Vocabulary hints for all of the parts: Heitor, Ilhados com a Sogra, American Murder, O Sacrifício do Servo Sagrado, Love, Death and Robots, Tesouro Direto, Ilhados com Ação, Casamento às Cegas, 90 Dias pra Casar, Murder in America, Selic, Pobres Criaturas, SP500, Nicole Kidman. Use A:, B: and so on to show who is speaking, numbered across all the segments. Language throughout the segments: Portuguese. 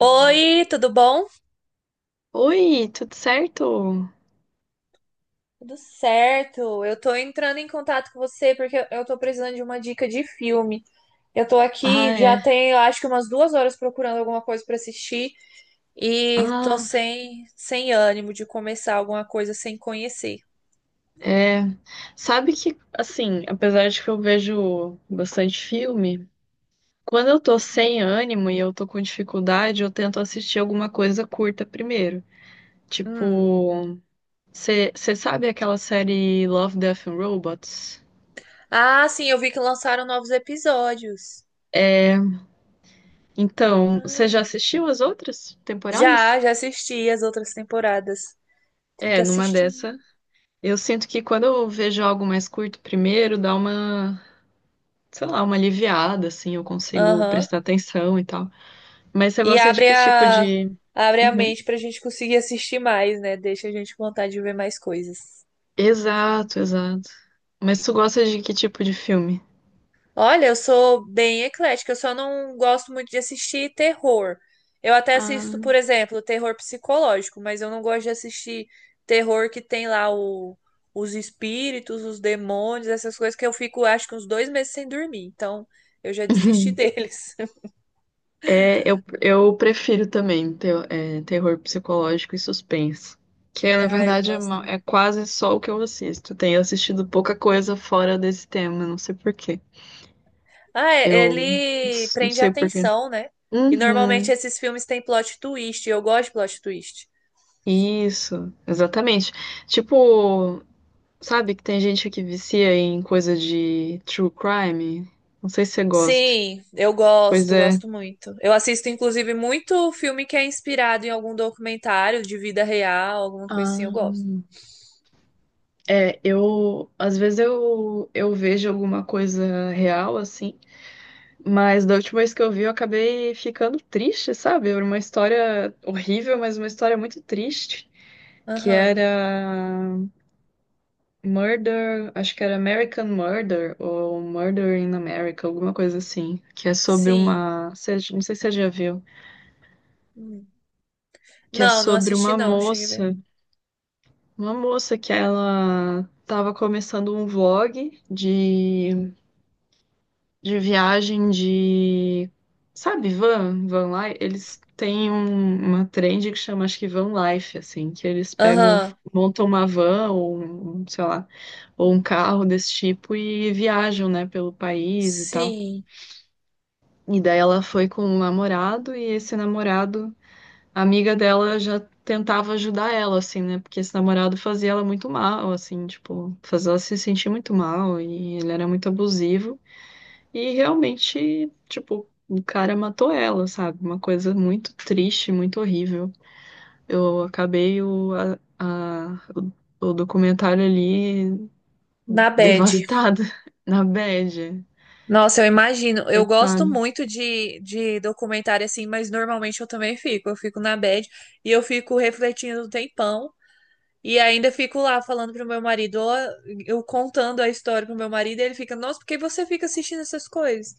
A: Hum.
B: Oi, tudo bom?
A: Oi, tudo certo?
B: Tudo certo. Eu tô entrando em contato com você porque eu tô precisando de uma dica de filme. Eu tô
A: Ah,
B: aqui já
A: é.
B: tem, eu acho que umas 2 horas procurando alguma coisa pra assistir e tô
A: Ah,
B: sem ânimo de começar alguma coisa sem conhecer.
A: é. Sabe que, assim, apesar de que eu vejo bastante filme, quando eu tô sem ânimo e eu tô com dificuldade, eu tento assistir alguma coisa curta primeiro.
B: Hum.
A: Tipo, você sabe aquela série Love, Death and Robots?
B: Ah, sim, eu vi que lançaram novos episódios.
A: Então, você já
B: Ah.
A: assistiu as outras temporadas?
B: Já assisti as outras temporadas. Tem que
A: É, numa
B: assistir.
A: dessa. Eu sinto que quando eu vejo algo mais curto primeiro, dá uma sei lá, uma aliviada, assim, eu consigo
B: Aham.
A: prestar atenção e tal. Mas você
B: E
A: gosta de
B: abre
A: que tipo
B: a,
A: de.
B: abre a
A: Uhum.
B: mente pra gente conseguir assistir mais, né? Deixa a gente com vontade de ver mais coisas.
A: Exato, exato. Mas tu gosta de que tipo de filme?
B: Olha, eu sou bem eclética, eu só não gosto muito de assistir terror. Eu até assisto, por
A: Ah.
B: exemplo, terror psicológico, mas eu não gosto de assistir terror que tem lá os espíritos, os demônios, essas coisas que eu fico, acho que uns 2 meses sem dormir. Então, eu já desisti deles.
A: É, eu prefiro também terror psicológico e suspense. Que é, na
B: Ah, eu
A: verdade
B: gosto.
A: é quase só o que eu assisto. Tenho assistido pouca coisa fora desse tema, não sei por quê.
B: Ah, é,
A: Eu não
B: ele
A: s- Não
B: prende a
A: sei por quê.
B: atenção, né? E normalmente
A: Uhum,
B: esses filmes têm plot twist, e eu gosto de plot twist.
A: isso, exatamente. Tipo, sabe que tem gente que vicia em coisa de true crime? Não sei se você gosta.
B: Sim, eu
A: Pois
B: gosto,
A: é.
B: gosto muito. Eu assisto, inclusive, muito filme que é inspirado em algum documentário de vida real, alguma coisa assim, eu gosto.
A: Ah, é, eu às vezes eu vejo alguma coisa real assim, mas da última vez que eu vi eu acabei ficando triste, sabe? Era uma história horrível, mas uma história muito triste, que
B: Aham,
A: era Murder, acho que era American Murder ou Murder in America, alguma coisa assim, que é sobre
B: sim.
A: uma, não sei se você já viu.
B: Hum.
A: Que é
B: Não, não
A: sobre
B: assisti não, cheguei a ver.
A: uma moça que ela estava começando um vlog de viagem de, sabe, van, van life, eles têm uma trend que chama, acho que van life, assim, que eles pegam,
B: Aham,
A: montam uma van ou, sei lá, ou um carro desse tipo e viajam, né, pelo país e tal.
B: sim.
A: E daí ela foi com um namorado e esse namorado, a amiga dela já tentava ajudar ela, assim, né? Porque esse namorado fazia ela muito mal, assim, tipo, fazia ela se sentir muito mal e ele era muito abusivo. E realmente, tipo, o cara matou ela, sabe? Uma coisa muito triste, muito horrível. Eu acabei o, a- o documentário ali
B: Na bad.
A: devastada, na bad,
B: Nossa, eu imagino. Eu gosto
A: coitada.
B: muito de documentário assim, mas normalmente eu também fico. Eu fico na bad e eu fico refletindo um tempão. E ainda fico lá falando pro meu marido, ó, eu contando a história pro meu marido, e ele fica, nossa, por que você fica assistindo essas coisas?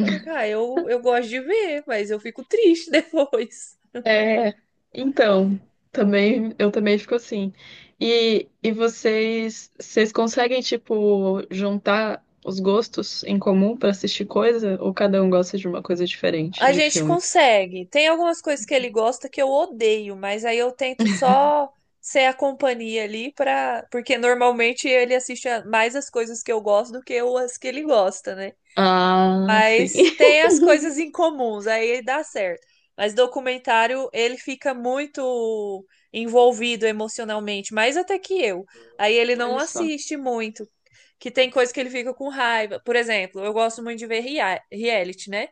B: Eu fico, ah, eu gosto de ver, mas eu fico triste depois.
A: É, então, também eu também fico assim. E vocês, vocês conseguem tipo juntar os gostos em comum pra assistir coisa ou cada um gosta de uma coisa diferente
B: A
A: de
B: gente
A: filme?
B: consegue. Tem algumas coisas que ele gosta que eu odeio, mas aí eu tento só ser a companhia ali para, porque normalmente ele assiste mais as coisas que eu gosto do que as que ele gosta, né?
A: Ah, sim.
B: Mas tem as coisas em comuns, aí dá certo. Mas documentário, ele fica muito envolvido emocionalmente, mais até que eu. Aí ele não
A: Olha só.
B: assiste muito, que tem coisa que ele fica com raiva. Por exemplo, eu gosto muito de ver reality, né?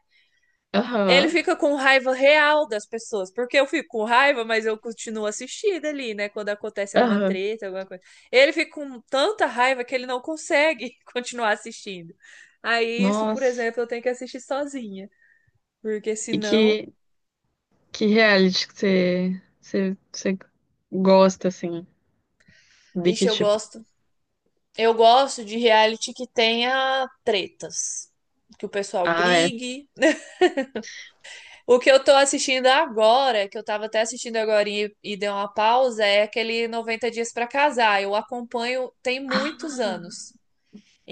B: Ele
A: Aham.
B: fica com raiva real das pessoas, porque eu fico com raiva, mas eu continuo assistindo ali, né? Quando acontece alguma
A: Aham.
B: treta, alguma coisa. Ele fica com tanta raiva que ele não consegue continuar assistindo. Aí isso, por
A: Nossa.
B: exemplo, eu tenho que assistir sozinha, porque
A: E
B: senão,
A: que reality que você gosta assim? De
B: ixi,
A: que
B: eu
A: tipo?
B: gosto. Eu gosto de reality que tenha tretas, que o pessoal
A: Ah, é.
B: brigue. O que eu tô assistindo agora, que eu tava até assistindo agora e dei uma pausa, é aquele 90 Dias pra Casar. Eu acompanho tem muitos
A: Ah,
B: anos.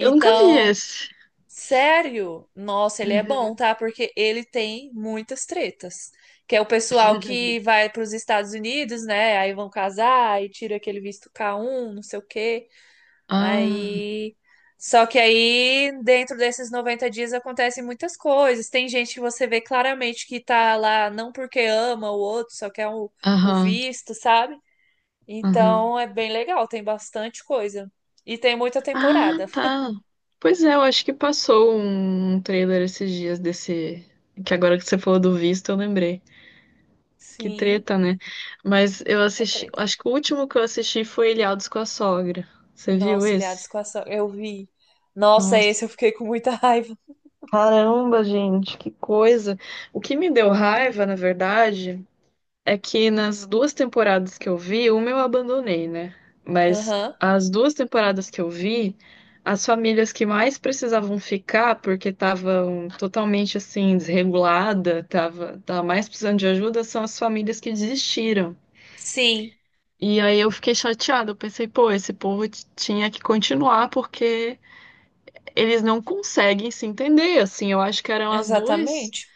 A: eu nunca vi esse.
B: sério, nossa, ele é bom,
A: Uhum.
B: tá? Porque ele tem muitas tretas. Que é o pessoal que vai pros Estados Unidos, né? Aí vão casar e tira aquele visto K1, não sei o quê.
A: Ah.
B: Aí, só que aí, dentro desses 90 dias acontecem muitas coisas. Tem gente que você vê claramente que tá lá não porque ama o outro, só quer o
A: Aham,
B: visto, sabe?
A: aham.
B: Então é bem legal, tem bastante coisa. E tem muita
A: Ah,
B: temporada.
A: tá. Pois é, eu acho que passou um trailer esses dias desse. Que agora que você falou do visto, eu lembrei. Que
B: Sim,
A: treta, né? Mas eu
B: tá
A: assisti.
B: treta.
A: Acho que o último que eu assisti foi Ilhados com a Sogra. Você viu
B: Nossa, Ilhados
A: esse?
B: com Ação, eu vi. Nossa, esse
A: Nossa.
B: eu fiquei com muita raiva.
A: Caramba, gente, que coisa. O que me deu raiva, na verdade. É que nas duas temporadas que eu vi, uma eu abandonei, né? Mas
B: Aham.
A: as duas temporadas que eu vi, as famílias que mais precisavam ficar, porque estavam totalmente assim, desregulada, tava, tava mais precisando de ajuda, são as famílias que desistiram.
B: Sim,
A: E aí eu fiquei chateada, eu pensei, pô, esse povo tinha que continuar porque eles não conseguem se entender, assim, eu acho que eram
B: exatamente.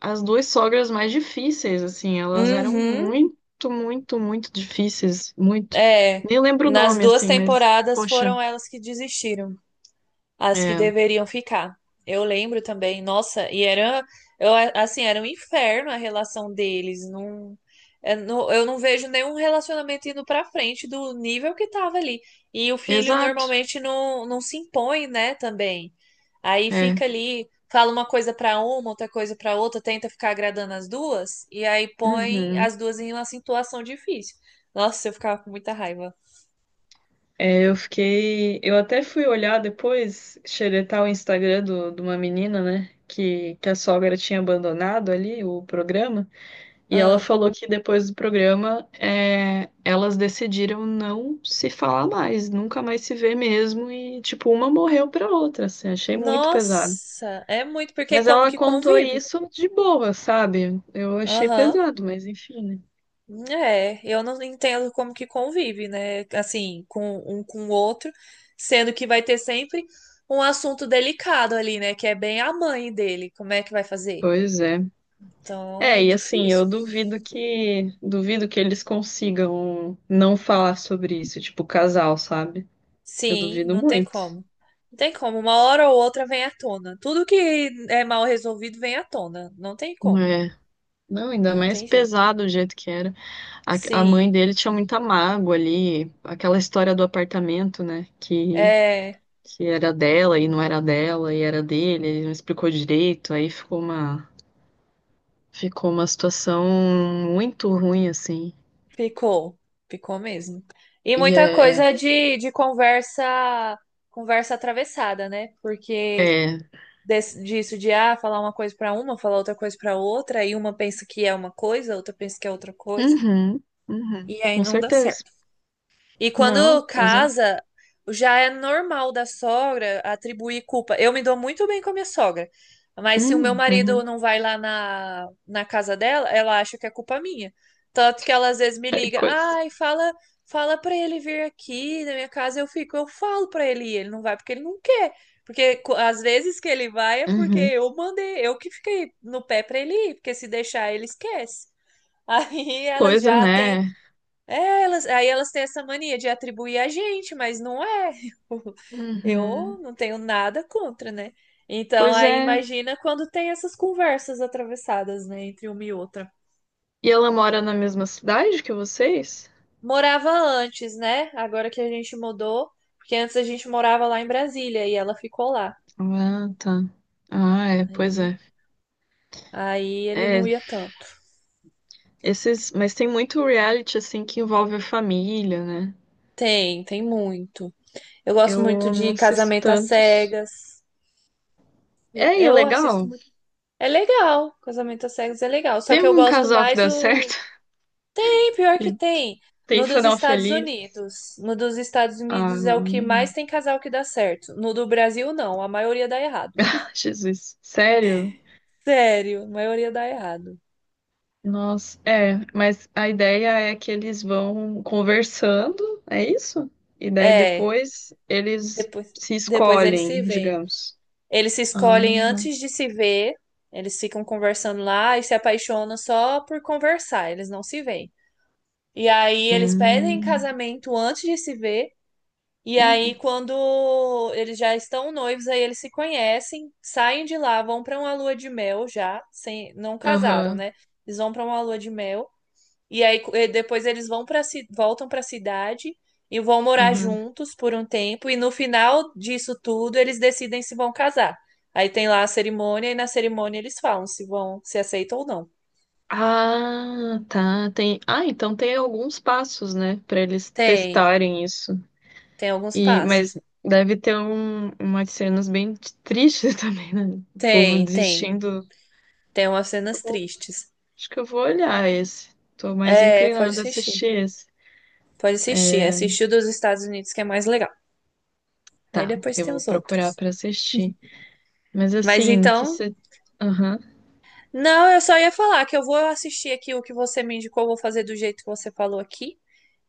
A: as duas sogras mais difíceis, assim, elas eram
B: Uhum.
A: muito, muito, muito difíceis, muito.
B: É.
A: Nem lembro o
B: Nas
A: nome,
B: duas
A: assim, mas,
B: temporadas
A: poxa,
B: foram elas que desistiram, as que
A: é,
B: deveriam ficar. Eu lembro também, nossa, e era, eu, assim, era um inferno a relação deles. Não, é, eu não vejo nenhum relacionamento indo pra frente do nível que tava ali. E o filho
A: exato,
B: normalmente não, não se impõe, né, também. Aí
A: é.
B: fica ali, fala uma coisa pra uma, outra coisa pra outra, tenta ficar agradando as duas, e aí põe
A: Uhum.
B: as duas em uma situação difícil. Nossa, eu ficava com muita raiva.
A: É, eu fiquei, eu até fui olhar depois, xeretar o Instagram do, de uma menina, né, que a sogra tinha abandonado ali o programa. E ela
B: Ah.
A: falou que depois do programa, é, elas decidiram não se falar mais, nunca mais se ver mesmo. E, tipo, uma morreu pra outra, assim, achei muito pesado.
B: Nossa, é muito, porque é
A: Mas
B: como
A: ela
B: que
A: contou
B: convive?
A: isso de boa, sabe? Eu achei
B: Aham.
A: pesado, mas enfim, né?
B: É, eu não entendo como que convive, né? Assim, com um com o outro, sendo que vai ter sempre um assunto delicado ali, né? Que é bem a mãe dele, como é que vai fazer?
A: Pois é.
B: Então é
A: É, e assim,
B: difícil.
A: duvido que eles consigam não falar sobre isso, tipo, casal, sabe? Eu
B: Sim,
A: duvido
B: não tem
A: muito.
B: como. Não tem como. Uma hora ou outra vem à tona. Tudo que é mal resolvido vem à tona. Não tem como.
A: É. Não, ainda
B: Não
A: mais
B: tem jeito.
A: pesado o jeito que era. A mãe
B: Sim.
A: dele tinha muita mágoa ali, aquela história do apartamento, né?
B: É.
A: Que era dela e não era dela e era dele, ele não explicou direito, aí ficou uma situação muito ruim, assim.
B: Ficou, ficou mesmo. E
A: E
B: muita
A: é,
B: coisa de conversa, conversa atravessada, né? Porque
A: é, é,
B: desse disso de ah, falar uma coisa para uma, falar outra coisa para outra, aí uma pensa que é uma coisa, a outra pensa que é outra coisa,
A: uhum, uhum,
B: e aí
A: com
B: não dá
A: certeza.
B: certo. E
A: Não,
B: quando
A: pois é.
B: casa, já é normal da sogra atribuir culpa. Eu me dou muito bem com a minha sogra, mas se o meu marido
A: Uhum,
B: não vai lá na casa dela, ela acha que é culpa minha. Tanto que ela às vezes me
A: é
B: liga,
A: coisa.
B: ai, fala, fala para ele vir aqui na minha casa, eu fico, eu falo para ele, e ele não vai porque ele não quer. Porque às vezes que ele vai é porque
A: Uhum,
B: eu mandei, eu que fiquei no pé para ele ir, porque se deixar ele esquece. Aí ela
A: coisa,
B: já tem
A: né?
B: é, elas, aí elas têm essa mania de atribuir a gente, mas não é. Eu,
A: Uhum,
B: não tenho nada contra, né? Então,
A: pois
B: aí
A: é.
B: imagina quando tem essas conversas atravessadas, né, entre uma e outra.
A: E ela mora na mesma cidade que vocês?
B: Morava antes, né? Agora que a gente mudou, porque antes a gente morava lá em Brasília e ela ficou lá.
A: Ah, tá. Ah, é, pois
B: Aí,
A: é.
B: aí ele
A: É,
B: não ia tanto.
A: esses, mas tem muito reality assim que envolve a família, né?
B: Tem muito. Eu gosto muito
A: Eu não
B: de
A: assisto
B: Casamento às
A: tantos.
B: Cegas. Eu,
A: É, e é
B: eu assisto
A: legal.
B: muito. É legal, casamento às cegas é legal. Só
A: Tem
B: que eu
A: algum
B: gosto
A: casal que
B: mais
A: dá certo
B: o. Tem pior que
A: e
B: tem.
A: tem
B: No dos
A: final
B: Estados
A: feliz?
B: Unidos. No dos Estados
A: Ah,
B: Unidos é o que mais tem casal que dá certo. No do Brasil, não. A maioria dá errado.
A: Jesus, sério?
B: Sério, a maioria dá errado.
A: Nossa, é, mas a ideia é que eles vão conversando, é isso? E daí
B: É,
A: depois eles
B: depois,
A: se
B: depois eles se
A: escolhem,
B: veem.
A: digamos.
B: Eles se escolhem
A: Ah,
B: antes de se ver. Eles ficam conversando lá e se apaixonam só por conversar. Eles não se veem. E aí eles pedem
A: hum,
B: casamento antes de se ver. E aí,
A: hum,
B: quando eles já estão noivos, aí eles se conhecem, saem de lá, vão pra uma lua de mel já, sem, não casaram,
A: aham,
B: né? Eles vão pra uma lua de mel e aí e depois eles vão para voltam pra cidade e vão morar
A: aham.
B: juntos por um tempo e no final disso tudo eles decidem se vão casar. Aí tem lá a cerimônia e na cerimônia eles falam se vão, se aceitam ou não.
A: Ah, tá. Tem. Ah, então tem alguns passos, né, para eles
B: Tem,
A: testarem isso.
B: tem alguns
A: E mas
B: passos.
A: deve ter umas cenas bem tristes também, né? O povo
B: Tem, tem,
A: desistindo.
B: tem umas
A: Tá
B: cenas
A: bom,
B: tristes.
A: acho que eu vou olhar esse. Tô mais
B: É, pode
A: inclinada a
B: assistir.
A: assistir esse.
B: Pode assistir. Assistir o dos Estados Unidos, que é mais legal. Aí
A: Tá,
B: depois
A: eu
B: tem
A: vou
B: os
A: procurar
B: outros.
A: para assistir. Mas
B: Mas
A: assim, que
B: então.
A: você. Aham.
B: Não, eu só ia falar que eu vou assistir aqui o que você me indicou, vou fazer do jeito que você falou aqui.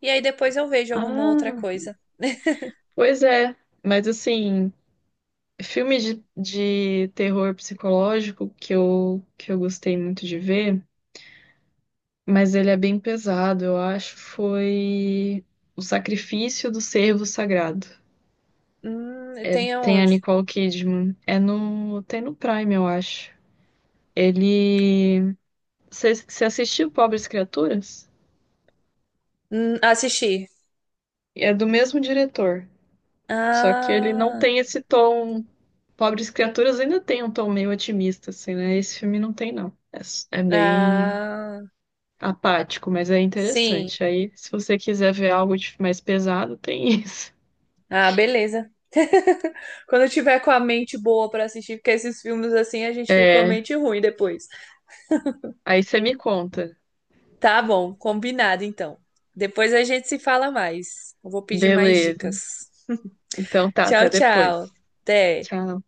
B: E aí depois eu vejo alguma outra
A: Ah,
B: coisa.
A: pois é. Mas assim, filme de terror psicológico que eu gostei muito de ver. Mas ele é bem pesado, eu acho. Foi O Sacrifício do Servo Sagrado.
B: Tem
A: Tem a
B: aonde?
A: Nicole Kidman. É no. Tem no Prime, eu acho. Ele. Você você assistiu Pobres Criaturas?
B: Assistir.
A: É do mesmo diretor. Só que ele não
B: Ah,
A: tem esse tom. Pobres Criaturas ainda tem um tom meio otimista, assim, né? Esse filme não tem, não. É, é bem
B: ah,
A: apático, mas é
B: sim.
A: interessante. Aí, se você quiser ver algo mais pesado, tem isso.
B: Ah, beleza. Quando eu tiver com a mente boa pra assistir, porque esses filmes assim a gente fica com a
A: É.
B: mente ruim depois.
A: Aí você me conta.
B: Tá bom, combinado então. Depois a gente se fala mais. Eu vou pedir mais
A: Beleza.
B: dicas.
A: Então tá,
B: Tchau,
A: até
B: tchau.
A: depois.
B: Até.
A: Tchau.